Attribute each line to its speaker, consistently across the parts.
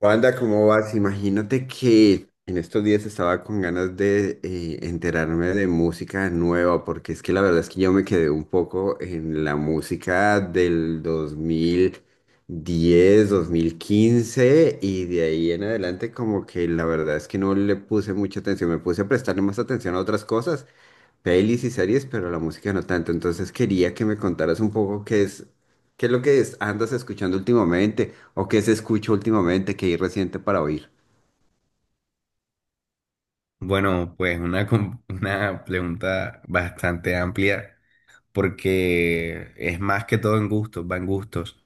Speaker 1: Wanda, ¿cómo vas? Imagínate que en estos días estaba con ganas de enterarme de música nueva, porque es que la verdad es que yo me quedé un poco en la música del dos mil diez, 2015 y de ahí en adelante como que la verdad es que no le puse mucha atención, me puse a prestarle más atención a otras cosas. Pelis y series, pero la música no tanto. Entonces quería que me contaras un poco qué es, andas escuchando últimamente o qué se escucha últimamente, qué hay reciente para oír.
Speaker 2: Bueno, pues una, una pregunta bastante amplia porque es más que todo en gustos, va en gustos.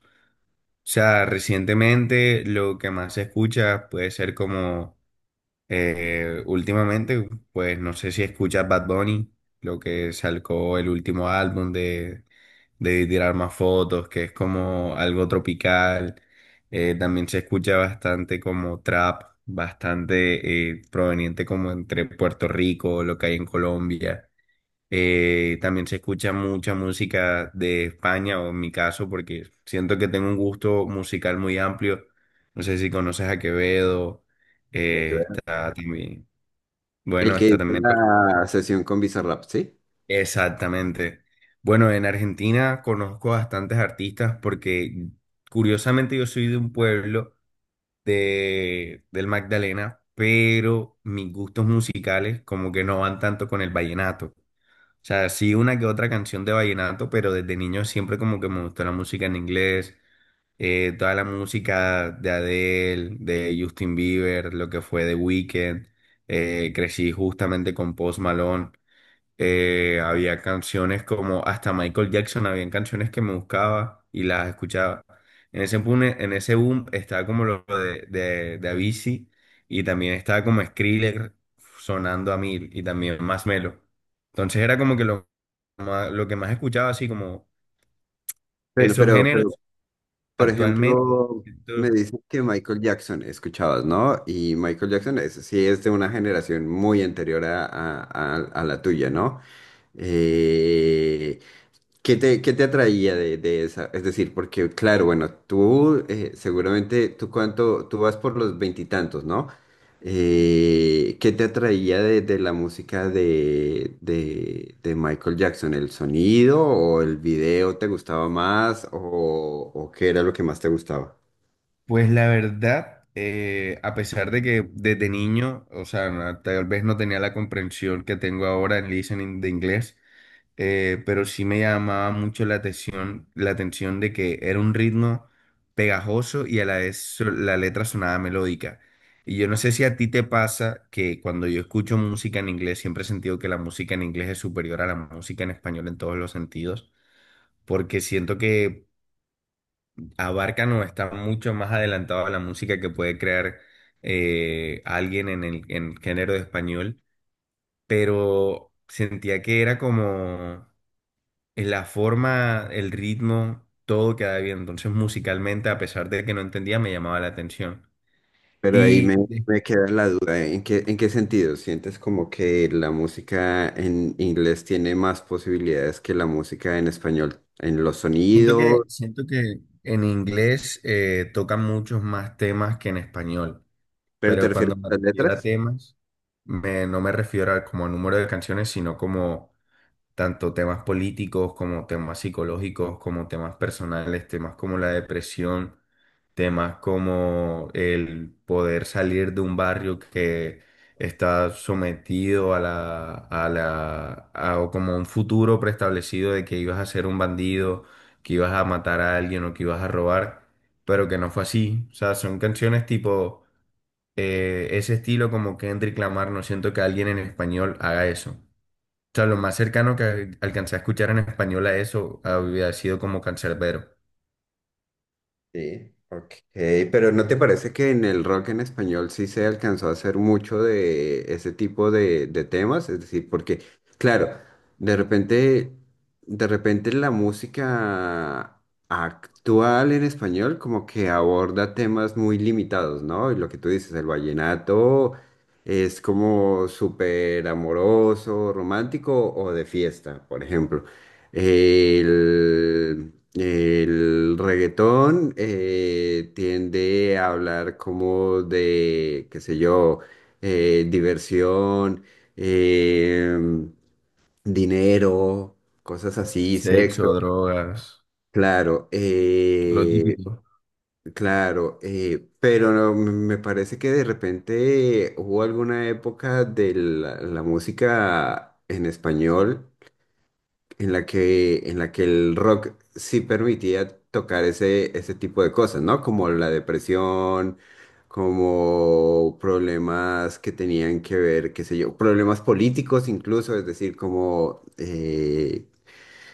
Speaker 2: O sea, recientemente lo que más se escucha puede ser como últimamente, pues no sé si escuchas Bad Bunny, lo que sacó el último álbum de Tirar Más Fotos, que es como algo tropical. También se escucha bastante como trap, bastante proveniente como entre Puerto Rico, lo que hay en Colombia. También se escucha mucha música de España, o en mi caso, porque siento que tengo un gusto musical muy amplio. No sé si conoces a Quevedo,
Speaker 1: Ya que ver.
Speaker 2: está también, bueno,
Speaker 1: El que
Speaker 2: está
Speaker 1: hizo
Speaker 2: también...
Speaker 1: la sesión con Bizarrap, ¿sí?
Speaker 2: Exactamente. Bueno, en Argentina conozco bastantes artistas porque curiosamente yo soy de un pueblo del Magdalena, pero mis gustos musicales como que no van tanto con el vallenato. O sea, sí una que otra canción de vallenato, pero desde niño siempre como que me gustó la música en inglés, toda la música de Adele, de Justin Bieber, lo que fue The Weeknd, crecí justamente con Post Malone. Había canciones como hasta Michael Jackson, habían canciones que me buscaba y las escuchaba. En ese boom estaba como lo de Avicii y también estaba como Skrillex sonando a mil y también más Melo. Entonces era como que lo, lo que más escuchaba, así como
Speaker 1: Bueno,
Speaker 2: esos
Speaker 1: pero, pero,
Speaker 2: géneros
Speaker 1: por
Speaker 2: actualmente.
Speaker 1: ejemplo, me dicen que Michael Jackson escuchabas, ¿no? Y Michael Jackson es, sí es de una generación muy anterior a, a la tuya, ¿no? Eh, ¿qué te, qué te atraía de esa? Es decir, porque claro, bueno, tú seguramente, tú cuánto, tú vas por los veintitantos, ¿no? ¿Qué te atraía de la música de Michael Jackson? ¿El sonido o el video te gustaba más o qué era lo que más te gustaba?
Speaker 2: Pues la verdad, a pesar de que desde niño, o sea, tal vez no tenía la comprensión que tengo ahora en listening de inglés, pero sí me llamaba mucho la atención de que era un ritmo pegajoso y a la vez la letra sonaba melódica. Y yo no sé si a ti te pasa que cuando yo escucho música en inglés, siempre he sentido que la música en inglés es superior a la música en español en todos los sentidos, porque siento que abarcan o están mucho más adelantados a la música que puede crear alguien en el género de español, pero sentía que era como la forma, el ritmo, todo quedaba bien. Entonces, musicalmente, a pesar de que no entendía, me llamaba la atención.
Speaker 1: Pero ahí me,
Speaker 2: Y de-
Speaker 1: me queda la duda, ¿eh? ¿En qué, en qué sentido? ¿Sientes como que la música en inglés tiene más posibilidades que la música en español? ¿En los
Speaker 2: Siento
Speaker 1: sonidos?
Speaker 2: que, siento que en inglés tocan muchos más temas que en español,
Speaker 1: ¿Pero te
Speaker 2: pero
Speaker 1: refieres
Speaker 2: cuando me
Speaker 1: a las
Speaker 2: refiero a
Speaker 1: letras?
Speaker 2: temas, no me refiero a como número de canciones, sino como tanto temas políticos como temas psicológicos, como temas personales, temas como la depresión, temas como el poder salir de un barrio que está sometido a o como un futuro preestablecido de que ibas a ser un bandido, que ibas a matar a alguien o que ibas a robar, pero que no fue así. O sea, son canciones tipo ese estilo como Kendrick Lamar, no siento que alguien en español haga eso. O sea, lo más cercano que alcancé a escuchar en español a eso había sido como cancerbero.
Speaker 1: Sí, ok. Pero ¿no te parece que en el rock en español sí se alcanzó a hacer mucho de ese tipo de temas? Es decir, porque, claro, de repente, de repente la música actual en español como que aborda temas muy limitados, ¿no? Y lo que tú dices, el vallenato es como súper amoroso, romántico o de fiesta, por ejemplo. El reggaetón tiende a hablar como de, qué sé yo, diversión, em, dinero, cosas así,
Speaker 2: Sexo,
Speaker 1: sexo,
Speaker 2: drogas,
Speaker 1: claro,
Speaker 2: lo típico.
Speaker 1: claro, pero no, me parece que de repente hubo alguna época de la música en español en la que el rock sí permitía tocar ese, ese tipo de cosas, ¿no? Como la depresión, como problemas que tenían que ver, qué sé yo, problemas políticos incluso, es decir, como,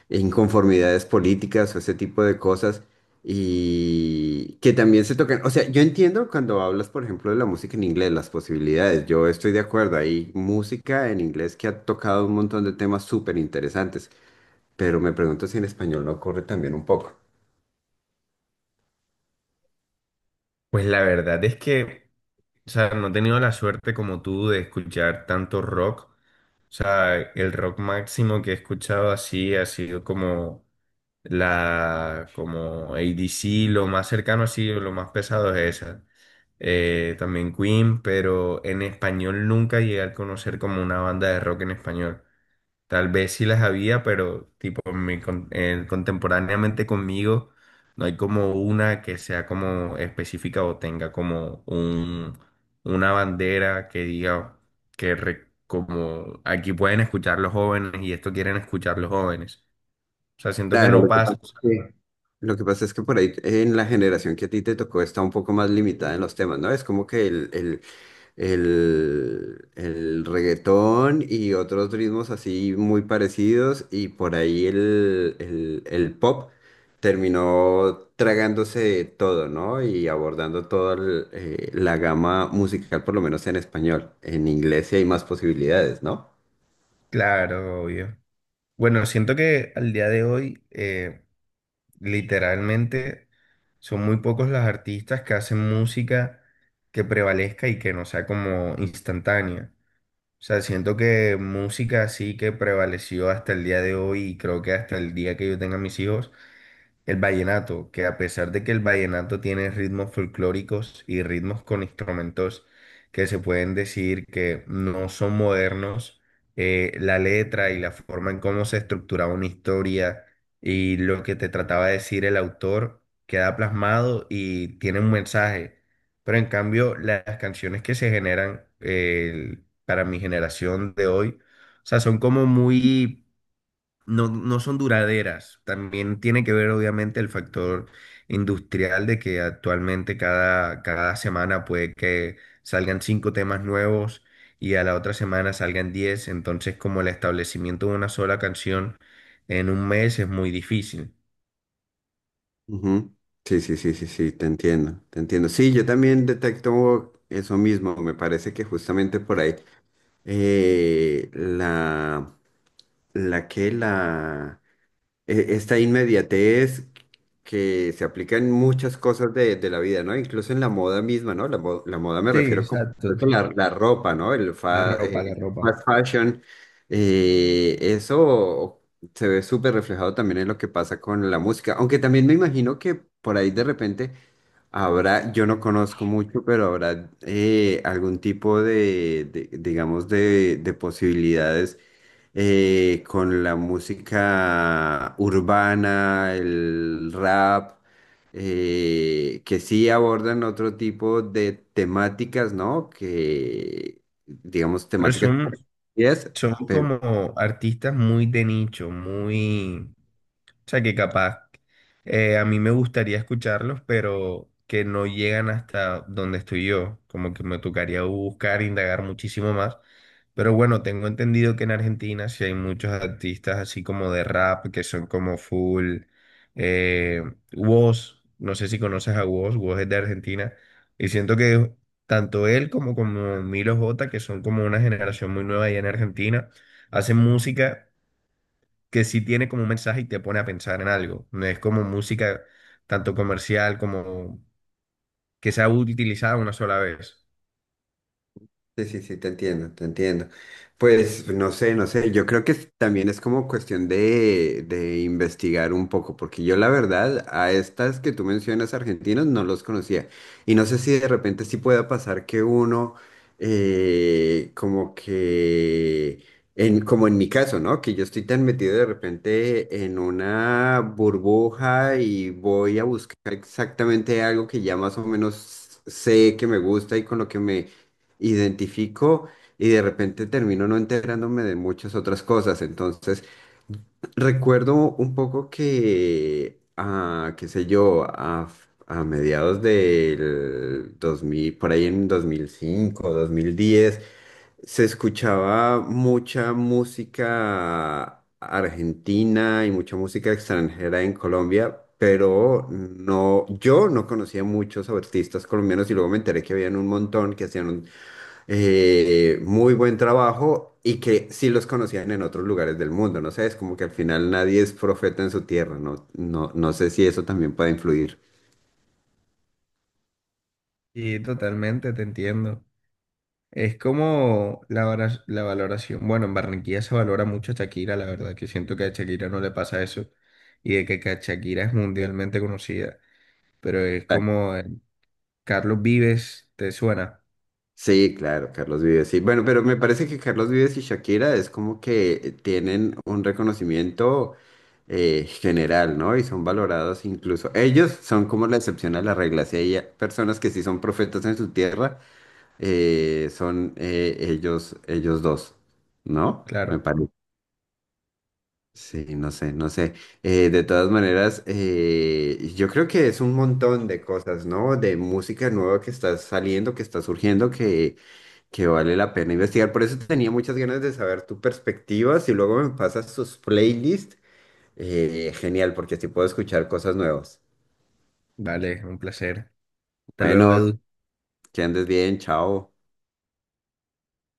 Speaker 1: inconformidades políticas o ese tipo de cosas y que también se tocan. O sea, yo entiendo cuando hablas, por ejemplo, de la música en inglés, las posibilidades, yo estoy de acuerdo, hay música en inglés que ha tocado un montón de temas súper interesantes, pero me pregunto si en español no ocurre también un poco.
Speaker 2: Pues la verdad es que, o sea, no he tenido la suerte como tú de escuchar tanto rock. O sea, el rock máximo que he escuchado así ha sido como la, como ADC lo más cercano así, lo más pesado es esa. También Queen, pero en español nunca llegué a conocer como una banda de rock en español. Tal vez sí las había, pero tipo contemporáneamente conmigo no hay como una que sea como específica o tenga como un, una bandera que diga como aquí pueden escuchar los jóvenes y esto quieren escuchar los jóvenes. O sea, siento que
Speaker 1: Claro,
Speaker 2: no pasa. O sea,
Speaker 1: es que lo que pasa es que por ahí en la generación que a ti te tocó está un poco más limitada en los temas, ¿no? Es como que el reggaetón y otros ritmos así muy parecidos y por ahí el pop terminó tragándose todo, ¿no? Y abordando toda el, la gama musical, por lo menos en español. En inglés sí hay más posibilidades, ¿no?
Speaker 2: claro, obvio. Bueno, siento que al día de hoy, literalmente, son muy pocos los artistas que hacen música que prevalezca y que no sea como instantánea. O sea, siento que música así que prevaleció hasta el día de hoy y creo que hasta el día que yo tenga mis hijos el vallenato, que a pesar de que el vallenato tiene ritmos folclóricos y ritmos con instrumentos que se pueden decir que no son modernos, la letra y la forma en cómo se estructuraba una historia y lo que te trataba de decir el autor queda plasmado y tiene un mensaje. Pero en cambio, las canciones que se generan para mi generación de hoy, o sea, son como muy no, no son duraderas. También tiene que ver, obviamente, el factor industrial de que actualmente cada semana puede que salgan 5 temas nuevos y a la otra semana salgan 10. Entonces, como el establecimiento de una sola canción en un mes es muy difícil.
Speaker 1: Ujú. Sí, sí, sí, sí, sí, te entiendo, te entiendo. Sí, yo también detecto eso mismo, me parece que justamente por ahí la, la que la, e- esta inmediatez que se aplica en muchas cosas de la vida, ¿no? Incluso en la moda misma, ¿no? La moda me
Speaker 2: Sí,
Speaker 1: refiero como
Speaker 2: exacto.
Speaker 1: creo que la ropa, ¿no?
Speaker 2: La ropa, la
Speaker 1: El
Speaker 2: ropa.
Speaker 1: fast fashion, eso se ve súper reflejado también en lo que pasa con la música, aunque también me imagino que por ahí de repente habrá, yo no conozco mucho, pero habrá algún tipo de, digamos, de posibilidades con la música urbana, el rap, que sí abordan otro tipo de temáticas, ¿no? Que, digamos,
Speaker 2: Pero
Speaker 1: temáticas.
Speaker 2: son,
Speaker 1: Yes,
Speaker 2: son como artistas muy de nicho, muy... O sea, que capaz a mí me gustaría escucharlos, pero que no llegan hasta donde estoy yo. Como que me tocaría buscar, indagar muchísimo más. Pero bueno, tengo entendido que en Argentina sí hay muchos artistas así como de rap, que son como full. Eh, Wos, no sé si conoces a Wos, Wos es de Argentina. Y siento que tanto él como, como Milo J, que son como una generación muy nueva allá en Argentina, hacen música que sí tiene como un mensaje y te pone a pensar en algo. No es como música tanto comercial como que sea utilizada una sola vez.
Speaker 1: sí, sí, sí, te entiendo, te entiendo. Pues no sé, no sé, yo creo que también es como cuestión de investigar un poco, porque yo la verdad a estas que tú mencionas argentinos no los conocía. Y no sé si de repente sí pueda pasar que uno, como que, en, como en mi caso, ¿no? Que yo estoy tan metido de repente en una burbuja y voy a buscar exactamente algo que ya más o menos sé que me gusta y con lo que me identifico y de repente termino no enterándome de muchas otras cosas. Entonces, recuerdo un poco que, ah, qué sé yo, a mediados del 2000 por ahí en dos mil cinco 2010 se escuchaba mucha música argentina y mucha música extranjera en Colombia, pero no, yo no conocía muchos artistas colombianos y luego me enteré que habían un montón que hacían muy buen trabajo y que sí los conocían en otros lugares del mundo, no sé, es como que al final nadie es profeta en su tierra, no, no, no sé si eso también puede influir.
Speaker 2: Y totalmente te entiendo. Es como la valoración. Bueno, en Barranquilla se valora mucho a Shakira, la verdad, que siento que a Shakira no le pasa eso y de que Shakira es mundialmente conocida. Pero es
Speaker 1: Ah,
Speaker 2: como Carlos Vives, ¿te suena?
Speaker 1: sí, claro, Carlos Vives, sí. Bueno, pero me parece que Carlos Vives y Shakira es como que tienen un reconocimiento general, ¿no? Y son valorados incluso. Ellos son como la excepción a la regla. Si hay personas que sí son profetas en su tierra, son ellos, ellos dos, ¿no? Me
Speaker 2: Claro.
Speaker 1: parece. Sí, no sé, no sé. De todas maneras, yo creo que es un montón de cosas, ¿no? De música nueva que está saliendo, que está surgiendo, que vale la pena investigar. Por eso tenía muchas ganas de saber tu perspectiva. Si luego me pasas tus playlists, genial, porque así puedo escuchar cosas nuevas.
Speaker 2: Vale, un placer. Hasta luego,
Speaker 1: Bueno,
Speaker 2: Edu.
Speaker 1: que andes bien, chao.